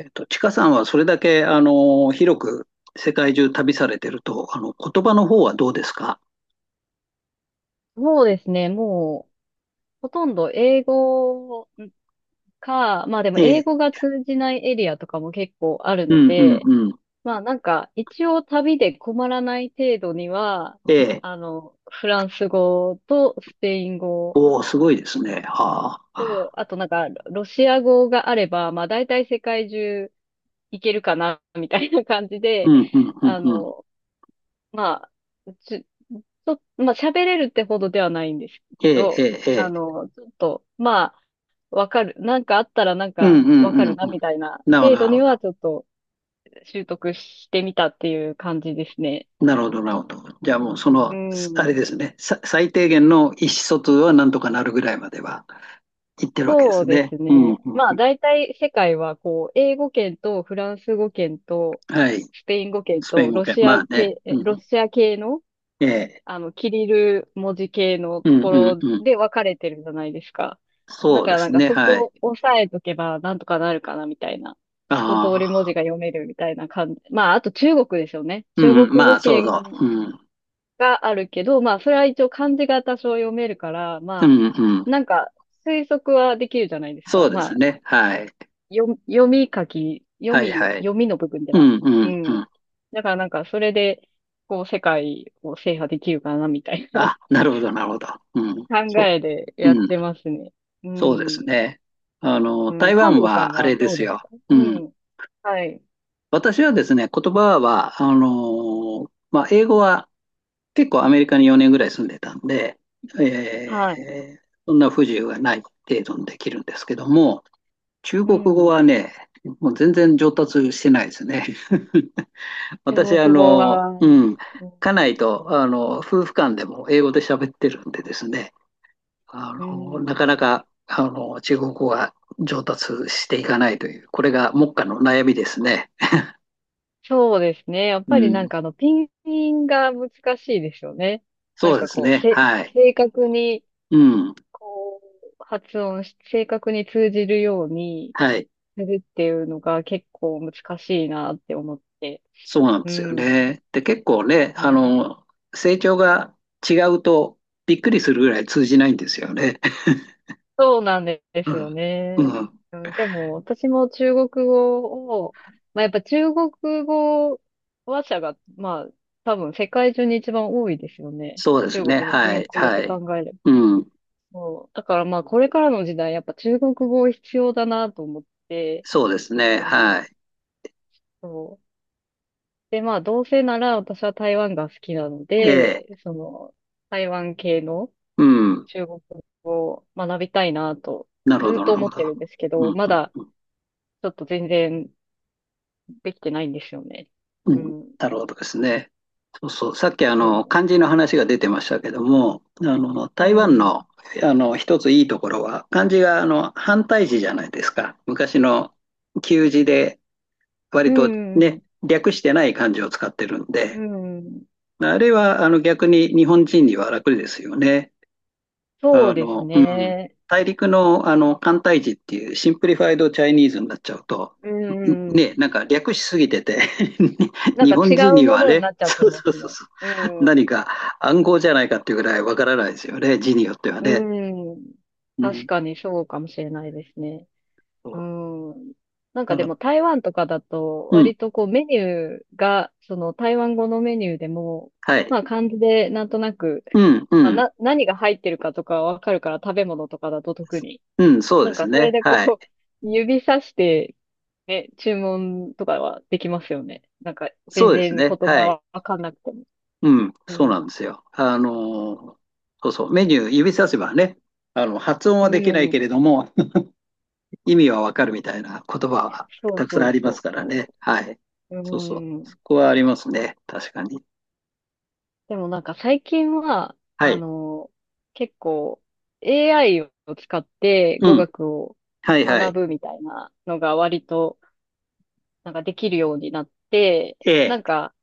ちかさんはそれだけ、広く世界中旅されてると、言葉の方はどうですか？そうですね。もう、ほとんど英語か、まあでもええ、英語が通じないエリアとかも結構あるうのんうんで、うん。まあなんか一応旅で困らない程度には、ええ、フランス語とスペイン語おお、すごいですね。はと、あ。あとなんかロシア語があれば、まあ大体世界中行けるかな、みたいな感じうで、んうん うんあうん。の、まあ、ちょ、ちょまあ喋れるってほどではないんですえけえ、えど、え、ええ。ちょっと、まあ、わかる。なんかあったらなんうんかうわかんうるんな、うん。みたいななるほど、程な度るにほど。はちょっと習得してみたっていう感じですね。なるほど、なるほど。じゃあもうそうの、すあれん。ですね、さ最低限の意思疎通はなんとかなるぐらいまでは行ってるわけでそすうでね。すうんうね。んまうあん。大体世界はこう、英語圏とフランス語圏とはい。スペイン語圏スペイとン語ロ圏。シまアあね。系、うんうロん。シア系のええ。キリル文字系のうとんこうんろうん。で分かれてるじゃないですか。だそうかでらなすんかね。そはい。こを押さえとけばなんとかなるかなみたいな。あ一通り文字あ、が読めるみたいな感じ。まあ、あと中国ですよね。う中ん、国ま語あ、そうそ圏う。うん、があるけど、まあ、それは一応漢字が多少読めるから、うまあ、ん、うん。なんか推測はできるじゃないですそか。うですまあ、ね。はい。読み書き、はい、はい。読みの部分でうは。ん、ううん、うん。ん。だからなんかそれで、こう世界を制覇できるかなみたいな。あ、なるほど、なるほど。うん、考そえでう、やっうん、てますね。うそうですん。ね。うん、台感湾動さんはあはれでどうすですよ。か、ううん。ん。はい。私はですね、言葉は、まあ、英語は結構アメリカに4年ぐらい住んでたんで、はい。そんな不自由がない程度にできるんですけども、中う国語ん。はね、もう全然上達してないですね。中私、国語はうん、ね。うん。家内と、夫婦間でも英語で喋ってるんでですね、うなかん。なか、中国語が上達していかないという、これが目下の悩みですね。そうですね。やっうぱりん、あの、ピンピンが難しいですよね。そうですこう、ね。はい。正確に、うん、こう、発音し、正確に通じるようにはい。するっていうのが結構難しいなって思って。そうなんうですよん。ね。で、結構ね、うん、成長が違うとびっくりするぐらい通じないんですよね。そうなんで うすよん、ね。うん、うん、でも、私も中国語を、まあ、やっぱ中国語話者が、まあ、多分世界中に一番多いですよね。そうです中ね。国のは人い、口っはてい。考えれば。うん、そうだからまあ、これからの時代、やっぱ中国語必要だなと思って、そうですね。うはん、い。そう。で、まあ、どうせなら私は台湾が好きなのええで、その、台湾系のうん。中国語を学びたいなと、なるほずっど、なとる思ほってど。るんですけうん、うど、ん、まだ、うん。ちょっと全然できてないんですよね。ううんん。なるほどですね。そうそう。さっき、そ漢字の話が出てましたけども、う。う台湾ん。の、一ついいところは、漢字が、反対字じゃないですか。昔の旧字で、う割とね、ん。略してない漢字を使ってるんうで、ん。あれは、逆に日本人には楽ですよね。そあうですの、うん。ね。大陸の、簡体字っていうシンプリファイドチャイニーズになっちゃうと、うんね、ん。なんか略しすぎてて なん日か本違人うにもはのにね、なっちゃってそうまそうすそうね。そうう、ん。何か暗号じゃないかっていうぐらいわからないですよね、字によってはね。うん。うん、確かにそうかもしれないですね。そううん。なんかだでかもら台湾とかだと、うん、割とこうメニューが、その台湾語のメニューでも、はい。まあ漢字でなんとなく、うん、うまあ、ん、何が入ってるかとかわかるから、食べ物とかだと特に。うん、そうなでんすか、それね。でこはい。う、指さして、ね、注文とかはできますよね。なんか、全そうで然す言ね。葉はい。はわかんなくても。うん、うそうん。なんですよ。そうそう、メニュー指させばね、発音うはできないけん。れども、意味はわかるみたいな言葉はそうたくさんそうありますそからね。はい。う。そうそう。うそん。こはありますね。確かに。でもなんか最近は、はい。結構 AI を使ってう語ん。学をはいは学い。ぶみたいなのが割となんかできるようになって、えなえ。んか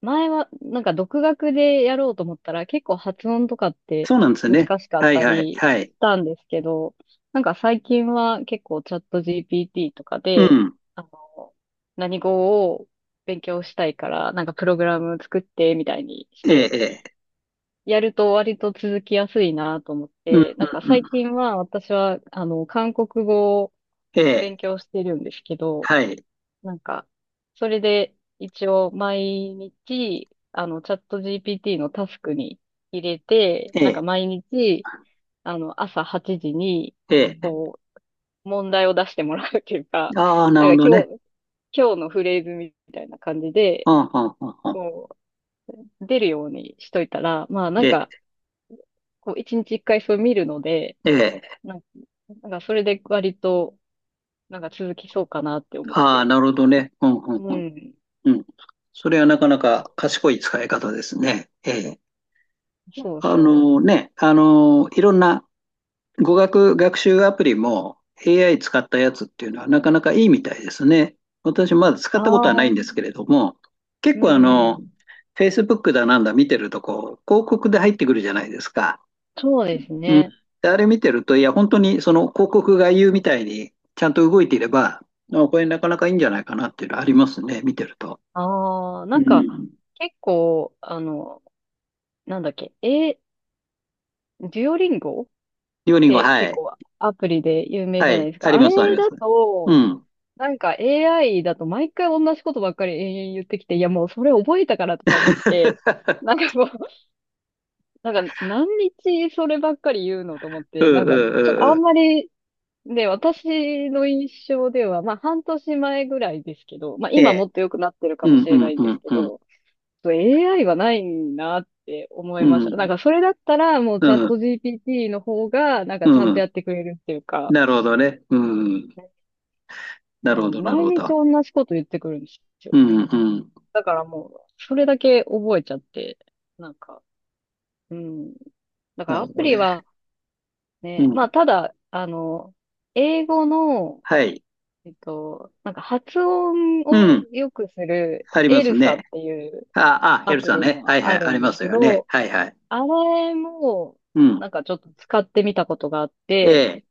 前は、なんか独学でやろうと思ったら、結構発音とかってそうなんですよ難ね。しかっはいたはい。りしはい。たんですけど、なんか最近は結構チャット GPT とかうで、ん。あの、何語を勉強したいから、なんかプログラム作ってみたいにしええ、て、ええ。やると割と続きやすいなと思っうん、うん、て、なんかうん。最近は私は、韓国語をえ勉え。強してるんですけど、はい。なんか、それで一応毎日、チャット GPT のタスクに入れて、えなんかえ。毎日、朝8時に、ええ。こう、問題を出してもらうっていうか、ああ、なるなほんかど今ね。日、今日のフレーズみたいな感じうで、ん、うん、うん、うん。こう、出るようにしといたら、まあなえんか、え。こう、一日一回それ見るので、ええ。なんか、なんかそれで割と、なんか続きそうかなって思っああ、て。なるほどね。うん、うん、ううん。ん。うん。それはなかなそうか賢い使い方ですね。ええ。そうあそう。のね、いろんな語学学習アプリも AI 使ったやつっていうのはなかなかいいみたいですね。私まだ使ったことはないあんですけれども、う結構あの、ん。Facebook だなんだ見てるとこう、広告で入ってくるじゃないですか。そうですうん。ね。で、あれ見てると、いや、本当にその広告が言うみたいにちゃんと動いていれば、あこれなかなかいいんじゃないかなっていうのはありますね、見てると。ああ、なうんか、ん。結構、なんだっけ、デュオリンゴっリオリンゴ、ては結い。構アプリで有名じはゃないい。ですあか。りあます、ありれます。だうと、ん。なんか AI だと毎回同じことばっかり延々言ってきて、いやもうそれ覚えたからとか思って、なん かもう、なんか何日そればっかり言うのと思っうて、んうなんんかちょっうとんうあんん。まり、で、私の印象では、まあ半年前ぐらいですけど、まあえ今え。もっと良くなってるかうもんしうれなんいんでうすんけうん。ど、と AI はないなって思ういました。なん、んかそれだったらもううチャッん、ト GPT の方がなんかうちゃんとん。やってくれるっていうか、なるほどね。うん。なあるほのど、なる毎ほ日ど。同じこと言ってくるんですよ。うん、うん。だからもうそれだけ覚えちゃって、なんか、うん。だかならるアほプどリね。はうね、まん。あただ、英語の、はい。えっと、なんか発音うをん。良くするありまエすルサね。っていうあ、あ、アヘルプさんリね。もはいあはい。るありんでますすけよね。ど、はいはい。あれも、うん。なんかちょっと使ってみたことがあっえて、え。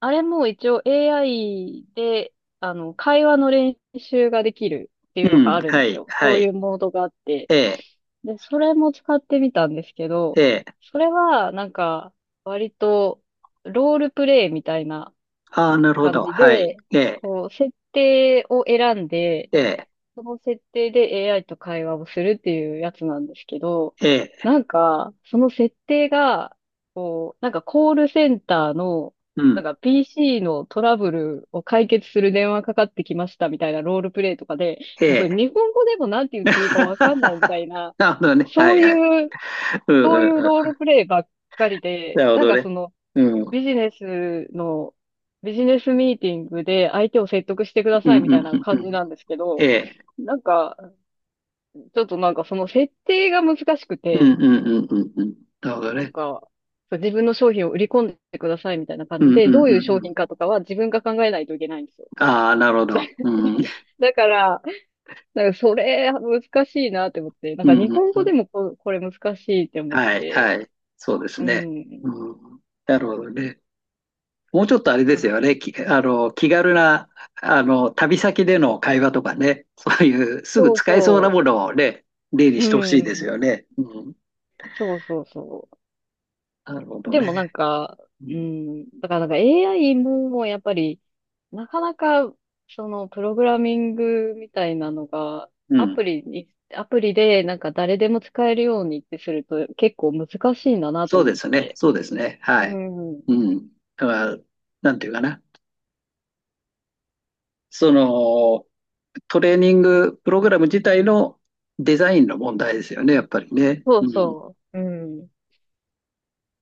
あれも一応 AI で、会話の練習ができるってういうのがん。あるんはですい、よ。はそういい。うモードがあって。ええ、で、それも使ってみたんですけど、ええ。それはなんか割とロールプレイみたいなああ、なるほ感ど。じはい。で、ええ、こう、設定を選んで、ええ、その設定で AI と会話をするっていうやつなんですけど、ええ。なんか、その設定が、こう、なんかコールセンターの、うなんん。か PC のトラブルを解決する電話かかってきましたみたいなロールプレイとかで、えもうそれえ。日本語でもなんて言っていいかわかんない みたいな、なるほどね。はそいうはい。いう、うんうそんういううローん。ルプレイばっかりなで、るほなんどかね。その、うん。うんビジネスの、ビジネスミーティングで相手を説得してくだうんさいみうたいんなう感ん。じなんですけえど、え。なんか、ちょっとなんかその設定が難しくうんて、うんうんうんうん。なるほどなんね。か、そう自分の商品を売り込んでくださいみたいな感うじんで、うんどうういうん商うん。品かとかは自分が考えないといけないんですよ。ああ、なるほど。うん。うん だから、なんかそれ難しいなって思って、なんうか日ん本う語でん。もこれ難しいって思っはい、はて、い。そうですうね。ん。うん。なるほどね。もうちょっとあれですはよい。ね。き、気軽な、旅先での会話とかね。そういう、すぐそう使えそうそなう。もそのをね、例にう、してほしいですん。よね。うん。そうそうそう。なるほどでね。もなんか、ううん。ん、だからなんか AI ももうやっぱり、なかなか、その、プログラミングみたいなのが、うん。アプリでなんか誰でも使えるようにってすると結構難しいんだなとそうで思っすね。て。そうですね。うはい。ん。うん。だから、なんていうかな。その、トレーニングプログラム自体のデザインの問題ですよね、やっぱりね。そううん。そう。うん。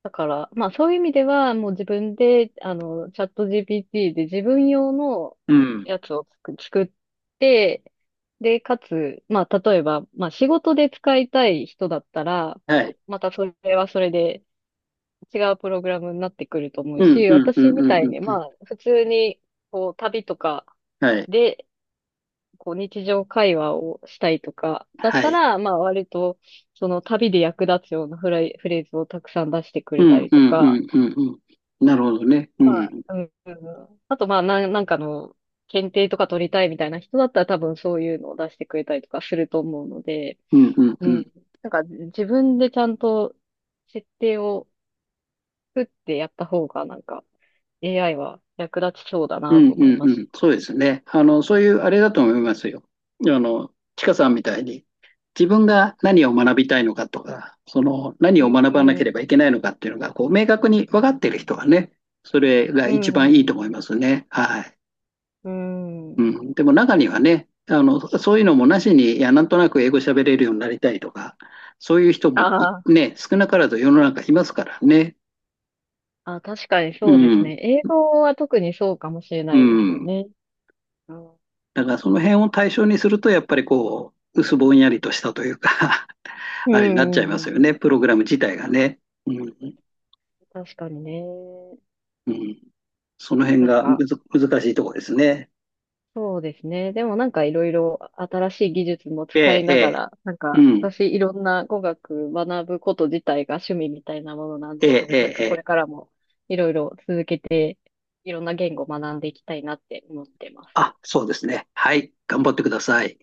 だから、まあそういう意味では、もう自分で、チャット GPT で自分用のうん。やつを作って、で、かつ、まあ例えば、まあ仕事で使いたい人だったら、はい。またそれはそれで違うプログラムになってくると思ううん、し、うん、うん、私うん、みうたいん。に、うんまあ普通に、こう旅とかはい。で、こう日常会話をしたいとか、だっはたい。ら、まあ割と、その旅で役立つようなフレーズをたくさん出してくうれたん、りうとん、うか、ん、うん、うん。なるほどね。うまあ、ん。うん、あと、まあ、なんかの、検定とか取りたいみたいな人だったら多分そういうのを出してくれたりとかすると思うので、うん、うん、ううん。ん。なんか自分でちゃんと設定を作ってやった方がなんか AI は役立ちそうだうなとん、う思いん、まうす。ん。そうですね。そういうあれだと思いますよ。ちかさんみたいに、自分が何を学びたいのかとか、その、何うをん、学うばなければいん、けないのかっていうのが、こう、明確に分かっている人はね、それがう一番いいん。と思いますね。はい。ううん、ん、でも中にはね、そういうのもなしに、いや、なんとなく英語喋れるようになりたいとか、そういう人あもー、いね、少なからず世の中いますからね。あ、確かにうそうですん、ね。英語は特にそうかもしれなういですよん。ね。うん、だからその辺を対象にすると、やっぱりこう、薄ぼんやりとしたというか うあれになっちゃいまん、うすよね、ん、プログラム自体がね。うん、確かにね。うん。その辺なんがか、むず、難しいところですね。そうですね。でもなんかいろいろ新しい技術もえ使いえ、えながえ、ら、なんうかん、私いろんな語学学ぶこと自体が趣味みたいなものなんええ、で、えなんえ、えかこれえ。からもいろいろ続けて、いろんな言語を学んでいきたいなって思ってます。あ、そうですね。はい、頑張ってください。